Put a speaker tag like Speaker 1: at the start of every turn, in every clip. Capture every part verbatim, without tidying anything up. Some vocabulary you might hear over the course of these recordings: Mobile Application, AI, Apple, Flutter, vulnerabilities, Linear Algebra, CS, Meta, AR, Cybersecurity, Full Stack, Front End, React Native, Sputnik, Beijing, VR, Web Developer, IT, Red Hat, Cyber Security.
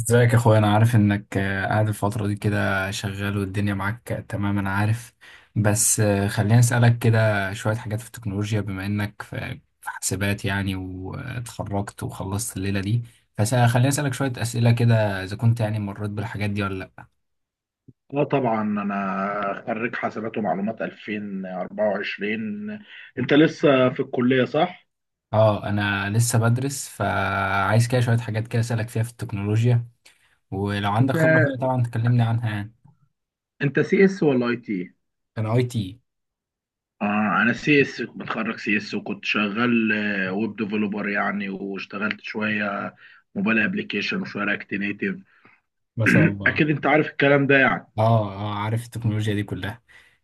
Speaker 1: ازيك يا اخويا؟ انا عارف انك آه، قاعد الفترة دي كده شغال والدنيا معاك. آه، تمام، انا عارف. بس آه، خليني اسألك كده شوية حاجات في التكنولوجيا، بما انك في في حاسبات يعني، واتخرجت وخلصت الليلة دي. فخليني اسألك شوية اسئلة كده اذا كنت يعني مريت بالحاجات دي ولا لا.
Speaker 2: اه، طبعا انا خريج حاسبات ومعلومات ألفين وأربعة وعشرين. انت لسه في الكلية صح؟
Speaker 1: اه، انا لسه بدرس، فعايز كده شوية حاجات كده اسألك فيها في التكنولوجيا، ولو عندك
Speaker 2: انت
Speaker 1: خبرة فيها طبعا تكلمني عنها يعني.
Speaker 2: انت سي اس ولا اي تي؟
Speaker 1: انا اي تي.
Speaker 2: اه، انا سي اس، متخرج سي اس، وكنت شغال آه، ويب ديفلوبر يعني، واشتغلت شوية موبايل ابلكيشن وشوية رياكت نيتف.
Speaker 1: ما شاء الله.
Speaker 2: اكيد انت عارف الكلام ده يعني.
Speaker 1: اه اه، عارف التكنولوجيا دي كلها.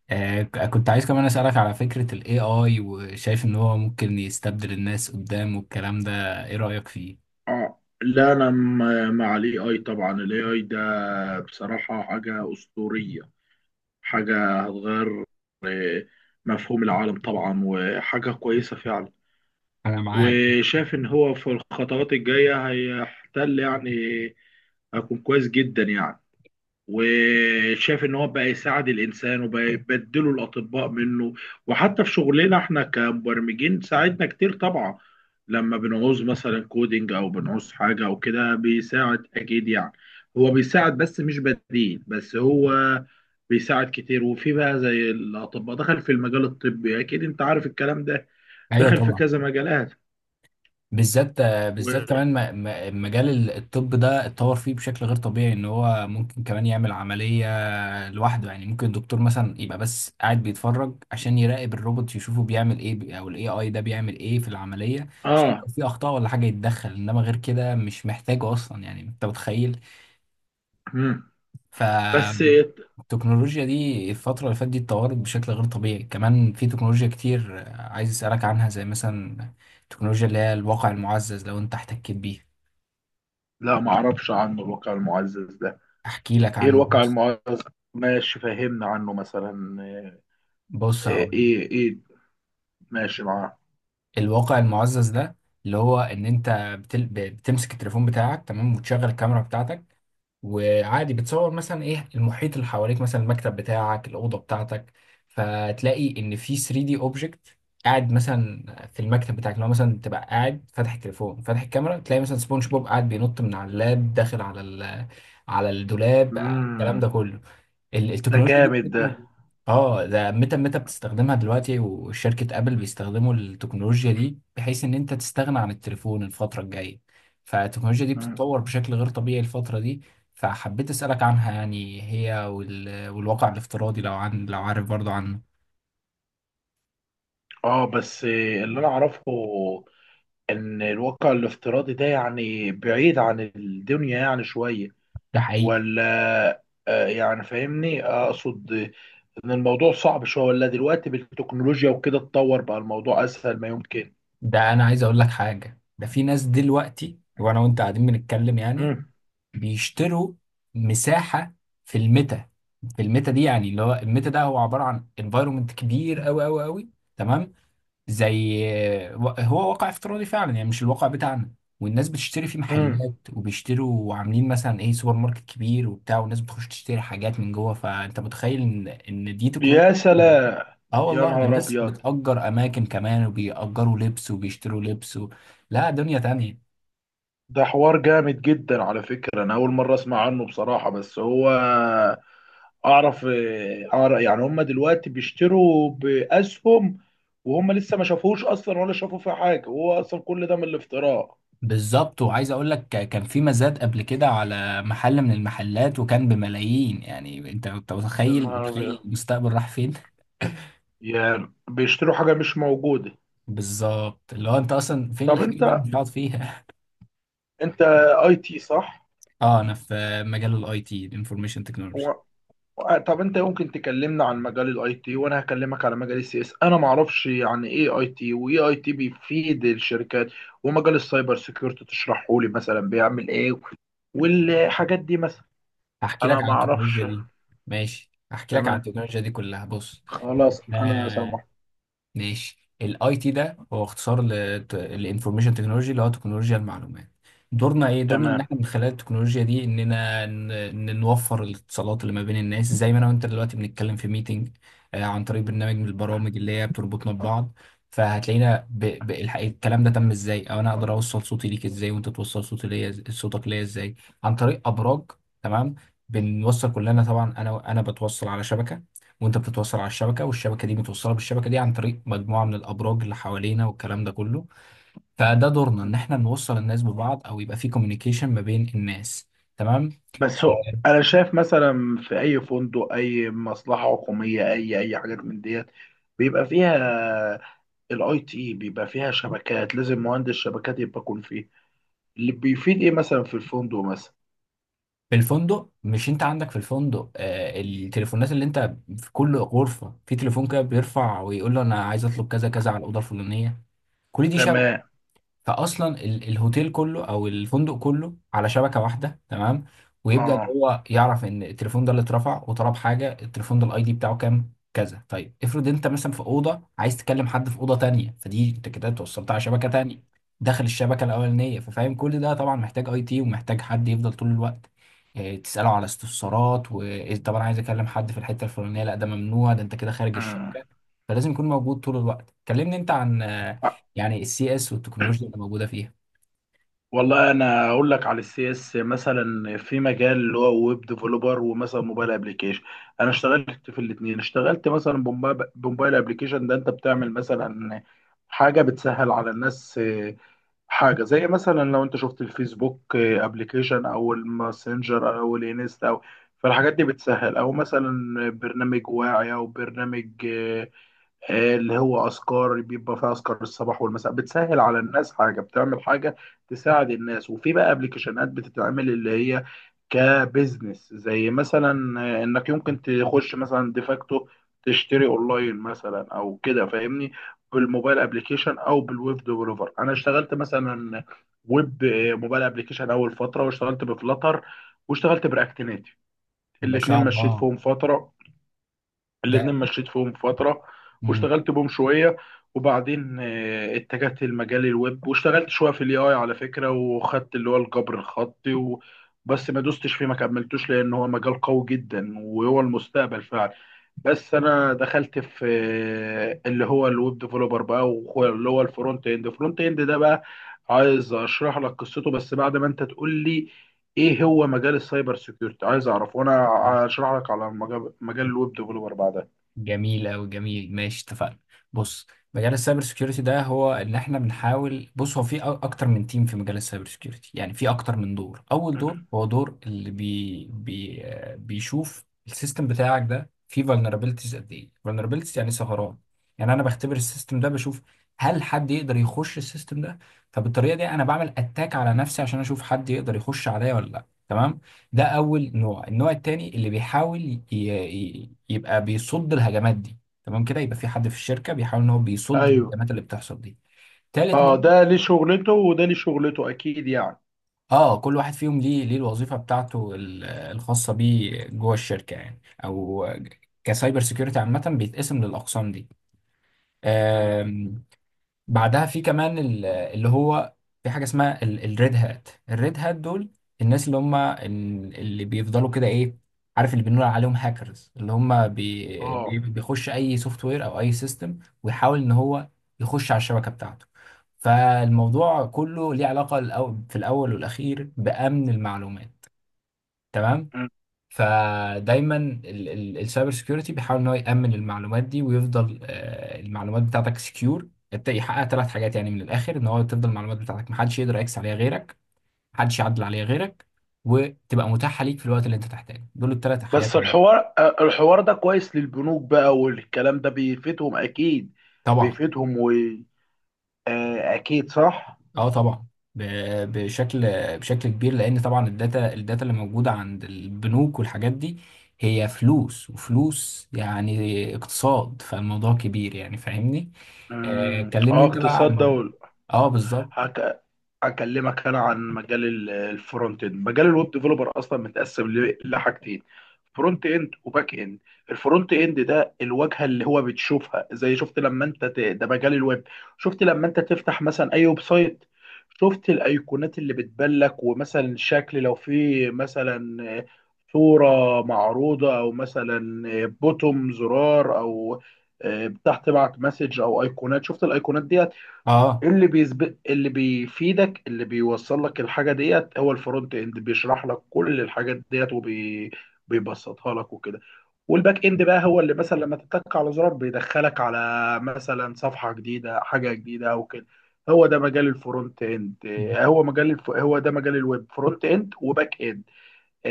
Speaker 1: آه، ك- كنت عايز كمان أسألك على فكرة ال إيه آي، وشايف إن هو ممكن يستبدل الناس قدام والكلام ده. إيه رأيك فيه؟
Speaker 2: اه، لا، انا م- مع الاي اي. طبعا الاي اي ده بصراحة حاجة اسطورية، حاجة هتغير مفهوم العالم طبعا، وحاجة كويسة فعلا.
Speaker 1: أنا معاك.
Speaker 2: وشايف إن هو في الخطوات الجاية هيحتل يعني، هيكون كويس جدا يعني. وشاف ان هو بقى يساعد الانسان وبقى يبدله الاطباء منه. وحتى في شغلنا احنا كمبرمجين ساعدنا كتير طبعا، لما بنعوز مثلا كودينج او بنعوز حاجه او كده بيساعد اكيد يعني. هو بيساعد بس مش بديل، بس هو بيساعد كتير. وفي بقى زي الاطباء دخل في المجال الطبي، اكيد انت عارف الكلام ده.
Speaker 1: أيوه
Speaker 2: دخل في
Speaker 1: طبعا.
Speaker 2: كذا مجالات
Speaker 1: بالذات آه،
Speaker 2: و...
Speaker 1: بالذات كمان م- م- مجال ال- الطب ده اتطور فيه بشكل غير طبيعي، إن هو ممكن كمان يعمل عملية لوحده. يعني ممكن الدكتور مثلا يبقى بس قاعد بيتفرج عشان يراقب الروبوت يشوفه بيعمل إيه، بي- أو ال إيه آي ده بيعمل إيه في العملية، عشان
Speaker 2: اه.
Speaker 1: لو في أخطاء ولا حاجة يتدخل. إنما غير كده مش محتاجه أصلا، يعني أنت متخيل.
Speaker 2: مم. بس
Speaker 1: فالتكنولوجيا دي الفترة اللي فاتت دي اتطورت بشكل غير طبيعي. كمان في تكنولوجيا كتير آه، عايز أسألك عنها، زي مثلا التكنولوجيا اللي هي الواقع المعزز، لو أنت احتكيت بيه.
Speaker 2: لا، ما اعرفش عنه الواقع المعزز ده.
Speaker 1: أحكي لك
Speaker 2: ايه
Speaker 1: عنه،
Speaker 2: الواقع
Speaker 1: بص
Speaker 2: المعاصر؟ ماشي، فهمنا عنه مثلا. آه،
Speaker 1: بص،
Speaker 2: آه،
Speaker 1: هقول لك.
Speaker 2: ايه ايه، ماشي معاه.
Speaker 1: الواقع المعزز ده اللي هو إن أنت بتل... بتمسك التليفون بتاعك، تمام، وتشغل الكاميرا بتاعتك، وعادي بتصور مثلا ايه المحيط اللي حواليك، مثلا المكتب بتاعك، الاوضه بتاعتك، فتلاقي ان في ثري دي اوبجكت قاعد مثلا في المكتب بتاعك. لو مثلا تبقى قاعد فاتح التليفون، فاتح الكاميرا، تلاقي مثلا سبونج بوب قاعد بينط من على اللاب داخل على ال... على الدولاب. الكلام ده
Speaker 2: امم
Speaker 1: كله ال-
Speaker 2: ده
Speaker 1: التكنولوجيا دي
Speaker 2: جامد ده.
Speaker 1: برضه. اه، ده ميتا ميتا بتستخدمها دلوقتي، وشركة ابل بيستخدموا التكنولوجيا دي، بحيث ان انت تستغنى عن التليفون الفترة الجاية. فالتكنولوجيا دي
Speaker 2: مم.
Speaker 1: بتتطور بشكل غير طبيعي الفترة دي. فحبيت اسألك عنها يعني، هي وال... والواقع الافتراضي، لو عن لو عارف برضه عنه.
Speaker 2: اه، بس آه، اللي انا اعرفه ان الواقع الافتراضي ده يعني بعيد عن الدنيا يعني شوية،
Speaker 1: ده حقيقي.
Speaker 2: ولا؟ آه، يعني فاهمني، اقصد ان الموضوع صعب شوية، ولا دلوقتي بالتكنولوجيا وكده اتطور بقى الموضوع اسهل ما يمكن؟
Speaker 1: ده انا عايز اقول لك حاجة، ده في ناس دلوقتي وانا وانت قاعدين بنتكلم يعني
Speaker 2: امم
Speaker 1: بيشتروا مساحة في الميتا. في الميتا دي يعني، اللي هو الميتا ده هو عبارة عن انفايرومنت كبير قوي قوي قوي، تمام، زي، هو واقع افتراضي فعلا يعني، مش الواقع بتاعنا. والناس بتشتري فيه
Speaker 2: امم
Speaker 1: محلات، وبيشتروا وعاملين مثلا ايه سوبر ماركت كبير وبتاع، والناس بتخش تشتري حاجات من جوه. فانت متخيل ان ان دي تكنولوجيا
Speaker 2: يا
Speaker 1: يعني.
Speaker 2: سلام.
Speaker 1: اه
Speaker 2: يا
Speaker 1: والله، ده
Speaker 2: نهار
Speaker 1: الناس
Speaker 2: ابيض.
Speaker 1: بتأجر اماكن كمان، وبيأجروا لبس وبيشتروا لبس و... لا، دنيا تانية.
Speaker 2: ده حوار جامد جدا على فكرة، أنا أول مرة أسمع عنه بصراحة، بس هو أعرف أعرف يعني هم دلوقتي بيشتروا بأسهم، وهم لسه ما شافوش أصلا ولا شافوا فيه حاجة، وهو أصلا كل ده من الافتراء.
Speaker 1: بالظبط. وعايز اقول لك، كان في مزاد قبل كده على محل من المحلات، وكان بملايين. يعني انت انت
Speaker 2: يا
Speaker 1: متخيل
Speaker 2: نهار
Speaker 1: متخيل
Speaker 2: أبيض.
Speaker 1: المستقبل راح فين.
Speaker 2: يعني بيشتروا حاجة مش موجودة.
Speaker 1: بالظبط، اللي هو انت اصلا فين
Speaker 2: طب
Speaker 1: الحاجه اللي انا
Speaker 2: أنت،
Speaker 1: مش هقعد فيها.
Speaker 2: أنت أي تي صح؟
Speaker 1: اه، انا في مجال الاي تي، الانفورميشن تكنولوجي.
Speaker 2: طب انت يمكن تكلمنا عن مجال الاي تي، وانا هكلمك على مجال السي اس. انا ما اعرفش يعني ايه اي تي، وايه اي تي بيفيد الشركات، ومجال السايبر سيكيورتي تشرحه لي مثلا بيعمل ايه، والحاجات دي مثلا
Speaker 1: هحكي لك
Speaker 2: انا
Speaker 1: عن
Speaker 2: ما
Speaker 1: التكنولوجيا
Speaker 2: اعرفش.
Speaker 1: دي. ماشي، هحكي لك عن
Speaker 2: تمام،
Speaker 1: التكنولوجيا دي كلها، بص.
Speaker 2: خلاص
Speaker 1: ده
Speaker 2: انا سامح.
Speaker 1: ماشي، الاي تي ده هو اختصار للانفورميشن تكنولوجي، اللي هو تكنولوجيا المعلومات. دورنا ايه؟ دورنا ان
Speaker 2: تمام.
Speaker 1: احنا من خلال التكنولوجيا دي اننا ن- ن- نوفر الاتصالات اللي ما بين الناس، زي ما انا وانت دلوقتي بنتكلم في ميتنج عن طريق برنامج من البرامج اللي هي بتربطنا ببعض. فهتلاقينا ب... ب... الح- الكلام ده تم ازاي؟ او انا اقدر اوصل صوتي ليك ازاي، وانت توصل صوتي ليا، إز- صوتك ليا ازاي؟ عن طريق ابراج، تمام. بنوصل كلنا طبعا، انا انا بتوصل على شبكة، وانت بتتوصل على الشبكه، والشبكه دي متوصله بالشبكه دي عن طريق مجموعه من الابراج اللي حوالينا والكلام ده كله. فده دورنا، ان احنا نوصل الناس ببعض، او يبقى في كوميونيكيشن ما بين الناس، تمام.
Speaker 2: بس هو انا شايف مثلا في اي فندق، اي مصلحه حكوميه، اي اي حاجات من ديت بيبقى فيها الاي تي، بيبقى فيها شبكات، لازم مهندس شبكات يبقى يكون فيه اللي بيفيد ايه مثلا في الفندق مثلا.
Speaker 1: في الفندق، مش انت عندك في الفندق آه، التليفونات، اللي انت في كل غرفة في تليفون كده بيرفع ويقول له انا عايز اطلب كذا كذا على الأوضة الفلانية. كل دي شبكه.
Speaker 2: تمام.
Speaker 1: فاصلا ال- الهوتيل كله او الفندق كله على شبكه واحده، تمام. ويبدا ان
Speaker 2: اه.
Speaker 1: هو يعرف ان التليفون ده اللي اترفع وطلب حاجه، التليفون ده الاي دي بتاعه كام، كذا. طيب افرض انت مثلا في اوضه عايز تكلم حد في اوضه تانية، فدي انت كده توصلت على شبكه تانية داخل الشبكه الاولانيه. ففاهم كل ده طبعا محتاج اي تي، ومحتاج حد يفضل طول الوقت آه، تساله على استفسارات. وطب انا عايز اكلم حد في الحته الفلانيه، لا ده ممنوع، ده انت كده خارج
Speaker 2: مم.
Speaker 1: الشبكه. فلازم يكون موجود طول الوقت. كلمني انت عن آه،
Speaker 2: آه.
Speaker 1: يعني السي اس والتكنولوجيا اللي موجوده فيها.
Speaker 2: والله انا اقول لك على السي اس. مثلا في مجال اللي هو ويب ديفلوبر ومثلا موبايل ابلكيشن، انا اشتغلت في الاثنين. اشتغلت مثلا بموبا- بموبايل ابلكيشن، ده انت بتعمل مثلا حاجه بتسهل على الناس، آه، حاجه زي مثلا لو انت شفت الفيسبوك ابلكيشن او الماسنجر او الانستا او... فالحاجات دي بتسهل. او مثلا برنامج واعي، او برنامج آه، آه، اللي هو أذكار، بيبقى فيها أذكار الصباح والمساء، بتسهل على الناس، حاجة بتعمل حاجة تساعد الناس. وفي بقى ابلكيشنات بتتعمل اللي هي كبزنس، زي مثلا آه، انك يمكن تخش مثلا ديفاكتو تشتري اونلاين مثلا او كده فاهمني. بالموبايل ابلكيشن او بالويب ديفلوبر انا اشتغلت مثلا ويب، آه، موبايل ابلكيشن اول فتره، واشتغلت بفلاتر، واشتغلت براكت نيتف.
Speaker 1: ما
Speaker 2: الاتنين
Speaker 1: شاء
Speaker 2: مشيت
Speaker 1: الله.
Speaker 2: فيهم فتره
Speaker 1: ده
Speaker 2: الاتنين مشيت فيهم فترة،
Speaker 1: مم.
Speaker 2: واشتغلت بهم شوية. وبعدين آه، اتجهت لمجال الويب، واشتغلت شوية في الاي اي على فكرة، وخدت اللي هو الجبر الخطي و... بس ما دوستش فيه، ما كملتوش، لان هو مجال قوي جدا وهو المستقبل فعلا. بس انا دخلت في آه، اللي هو الويب ديفلوبر بقى، وهو- اللي هو الفرونت اند الفرونت اند ده بقى، عايز اشرح لك قصته، بس بعد ما انت تقول لي ايه هو مجال السايبر سيكيورتي، عايز اعرف، وانا اشرح لك على مجال مجال الويب ديفلوبر بعدها.
Speaker 1: جميل أوي، جميل، ماشي، اتفقنا. بص، مجال السايبر سيكيورتي ده، هو ان احنا بنحاول، بص هو في أ- اكتر من تيم في مجال السايبر سيكيورتي. يعني في اكتر من دور. اول
Speaker 2: مم.
Speaker 1: دور هو دور اللي بي بي آه، بيشوف السيستم بتاعك ده فيه vulnerabilities قد ايه. vulnerabilities يعني ثغرات. يعني انا بختبر السيستم ده، بشوف هل حد يقدر يخش السيستم ده. فبالطريقه دي انا بعمل اتاك على نفسي، عشان اشوف حد يقدر يخش عليا ولا لا، تمام. ده اول نوع. النوع التاني اللي بيحاول ي- ي- يبقى بيصد الهجمات دي، تمام كده، يبقى في حد في الشركه بيحاول ان هو بيصد
Speaker 2: ايوه.
Speaker 1: الهجمات اللي بتحصل دي. تالت نوع.
Speaker 2: اه، ده ليه شغلته وده ليه شغلته اكيد يعني.
Speaker 1: اه، كل واحد فيهم ليه ليه الوظيفه بتاعته ال- الخاصه بيه جوه الشركه يعني، او كسايبر سيكيورتي عامه بيتقسم للاقسام دي.
Speaker 2: مم.
Speaker 1: بعدها في كمان ال- اللي هو في حاجه اسمها الريد هات. الريد هات دول الناس اللي هم ال- اللي بيفضلوا كده ايه، عارف، اللي بنقول عليهم هاكرز، اللي هم بي
Speaker 2: اه.
Speaker 1: بي- بيخش اي سوفت وير او اي سيستم، ويحاول ان هو يخش على الشبكه بتاعته. فالموضوع كله ليه علاقه الأو- في الاول والاخير بامن المعلومات، تمام.
Speaker 2: مم.
Speaker 1: فدايما ال- ال- السايبر سيكيورتي بيحاول ان هو يامن المعلومات دي، ويفضل آه، المعلومات بتاعتك سكيور. يحقق ثلاث حاجات يعني من الاخر، ان هو تفضل المعلومات بتاعتك محدش يقدر يكس عليها غيرك، محدش يعدل عليها غيرك، وتبقى متاحه ليك في الوقت اللي انت تحتاجه. دول الثلاث حاجات.
Speaker 2: بس الحوار آه، الحوار ده كويس للبنوك بقى، والكلام ده بيفيدهم اكيد.
Speaker 1: طبعا.
Speaker 2: بيفيدهم و آه، اكيد صح.
Speaker 1: اه طبعا، ب- بشكل بشكل كبير، لان طبعا الداتا الداتا اللي موجوده عند البنوك والحاجات دي هي فلوس، وفلوس يعني اقتصاد. فالموضوع كبير يعني فاهمني. آه،
Speaker 2: مم.
Speaker 1: كلمني
Speaker 2: اه،
Speaker 1: انت بقى
Speaker 2: اقتصاد
Speaker 1: عن.
Speaker 2: دولة.
Speaker 1: اه بالظبط.
Speaker 2: اكلمك انا عن مجال ال- الفرونت اند. مجال الويب ديفلوبر اصلا متقسم ل- لحاجتين: فرونت اند وباك اند. الفرونت اند ده الواجهه اللي هو بتشوفها. زي شفت لما انت ت... ده مجال الويب. شفت لما انت تفتح مثلا اي ويب سايت، شفت الايقونات اللي بتبان لك، ومثلا شكل لو في مثلا صوره معروضه، او مثلا بوتوم زرار، او آه، تحت بعت مسج، او ايقونات. شفت الايقونات دي،
Speaker 1: اه،
Speaker 2: اللي بيسبق، اللي بيفيدك، اللي بيوصل لك الحاجه ديت هو الفرونت اند. بيشرح لك كل الحاجات ديت وبيبسطها لك وكده. والباك اند بقى هو اللي مثلا لما تتك على زرار بيدخلك على مثلا صفحه جديده، حاجه جديده او كده. هو ده مجال الفرونت اند. آه، هو مجال الف... هو ده مجال الويب، فرونت اند وباك اند.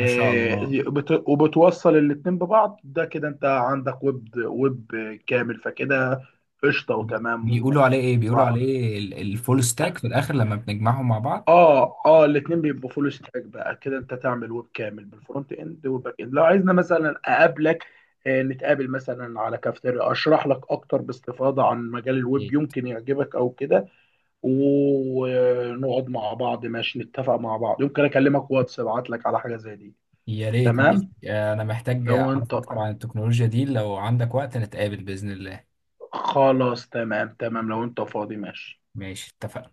Speaker 1: ما شاء الله.
Speaker 2: بت... وبتوصل الاتنين ببعض، ده كده انت عندك ويب ويب كامل، فكده قشطه
Speaker 1: بي-
Speaker 2: وتمام.
Speaker 1: بيقولوا عليه ايه، بيقولوا عليه ال- الفول ستاك في الاخر لما بنجمعهم مع بعض.
Speaker 2: اه اه الاثنين بيبقوا فول ستاك بقى، كده انت تعمل ويب كامل بالفرونت اند والباك اند. لو عايزنا مثلا اقابلك، آه، نتقابل مثلا على كافتيريا، اشرح لك اكتر باستفاضه عن مجال الويب،
Speaker 1: إيه.
Speaker 2: يمكن يعجبك او كده. ونقعد مع بعض ماشي، نتفق مع بعض، يمكن اكلمك واتس، ابعت لك على حاجه زي دي.
Speaker 1: يا ريت، ماشي،
Speaker 2: تمام.
Speaker 1: آه، انا محتاج
Speaker 2: لو انت
Speaker 1: اعرف اكتر عن التكنولوجيا دي، لو عندك وقت نتقابل باذن الله.
Speaker 2: خلاص تمام. تمام، لو انت فاضي ماشي.
Speaker 1: ماشي، اتفقنا.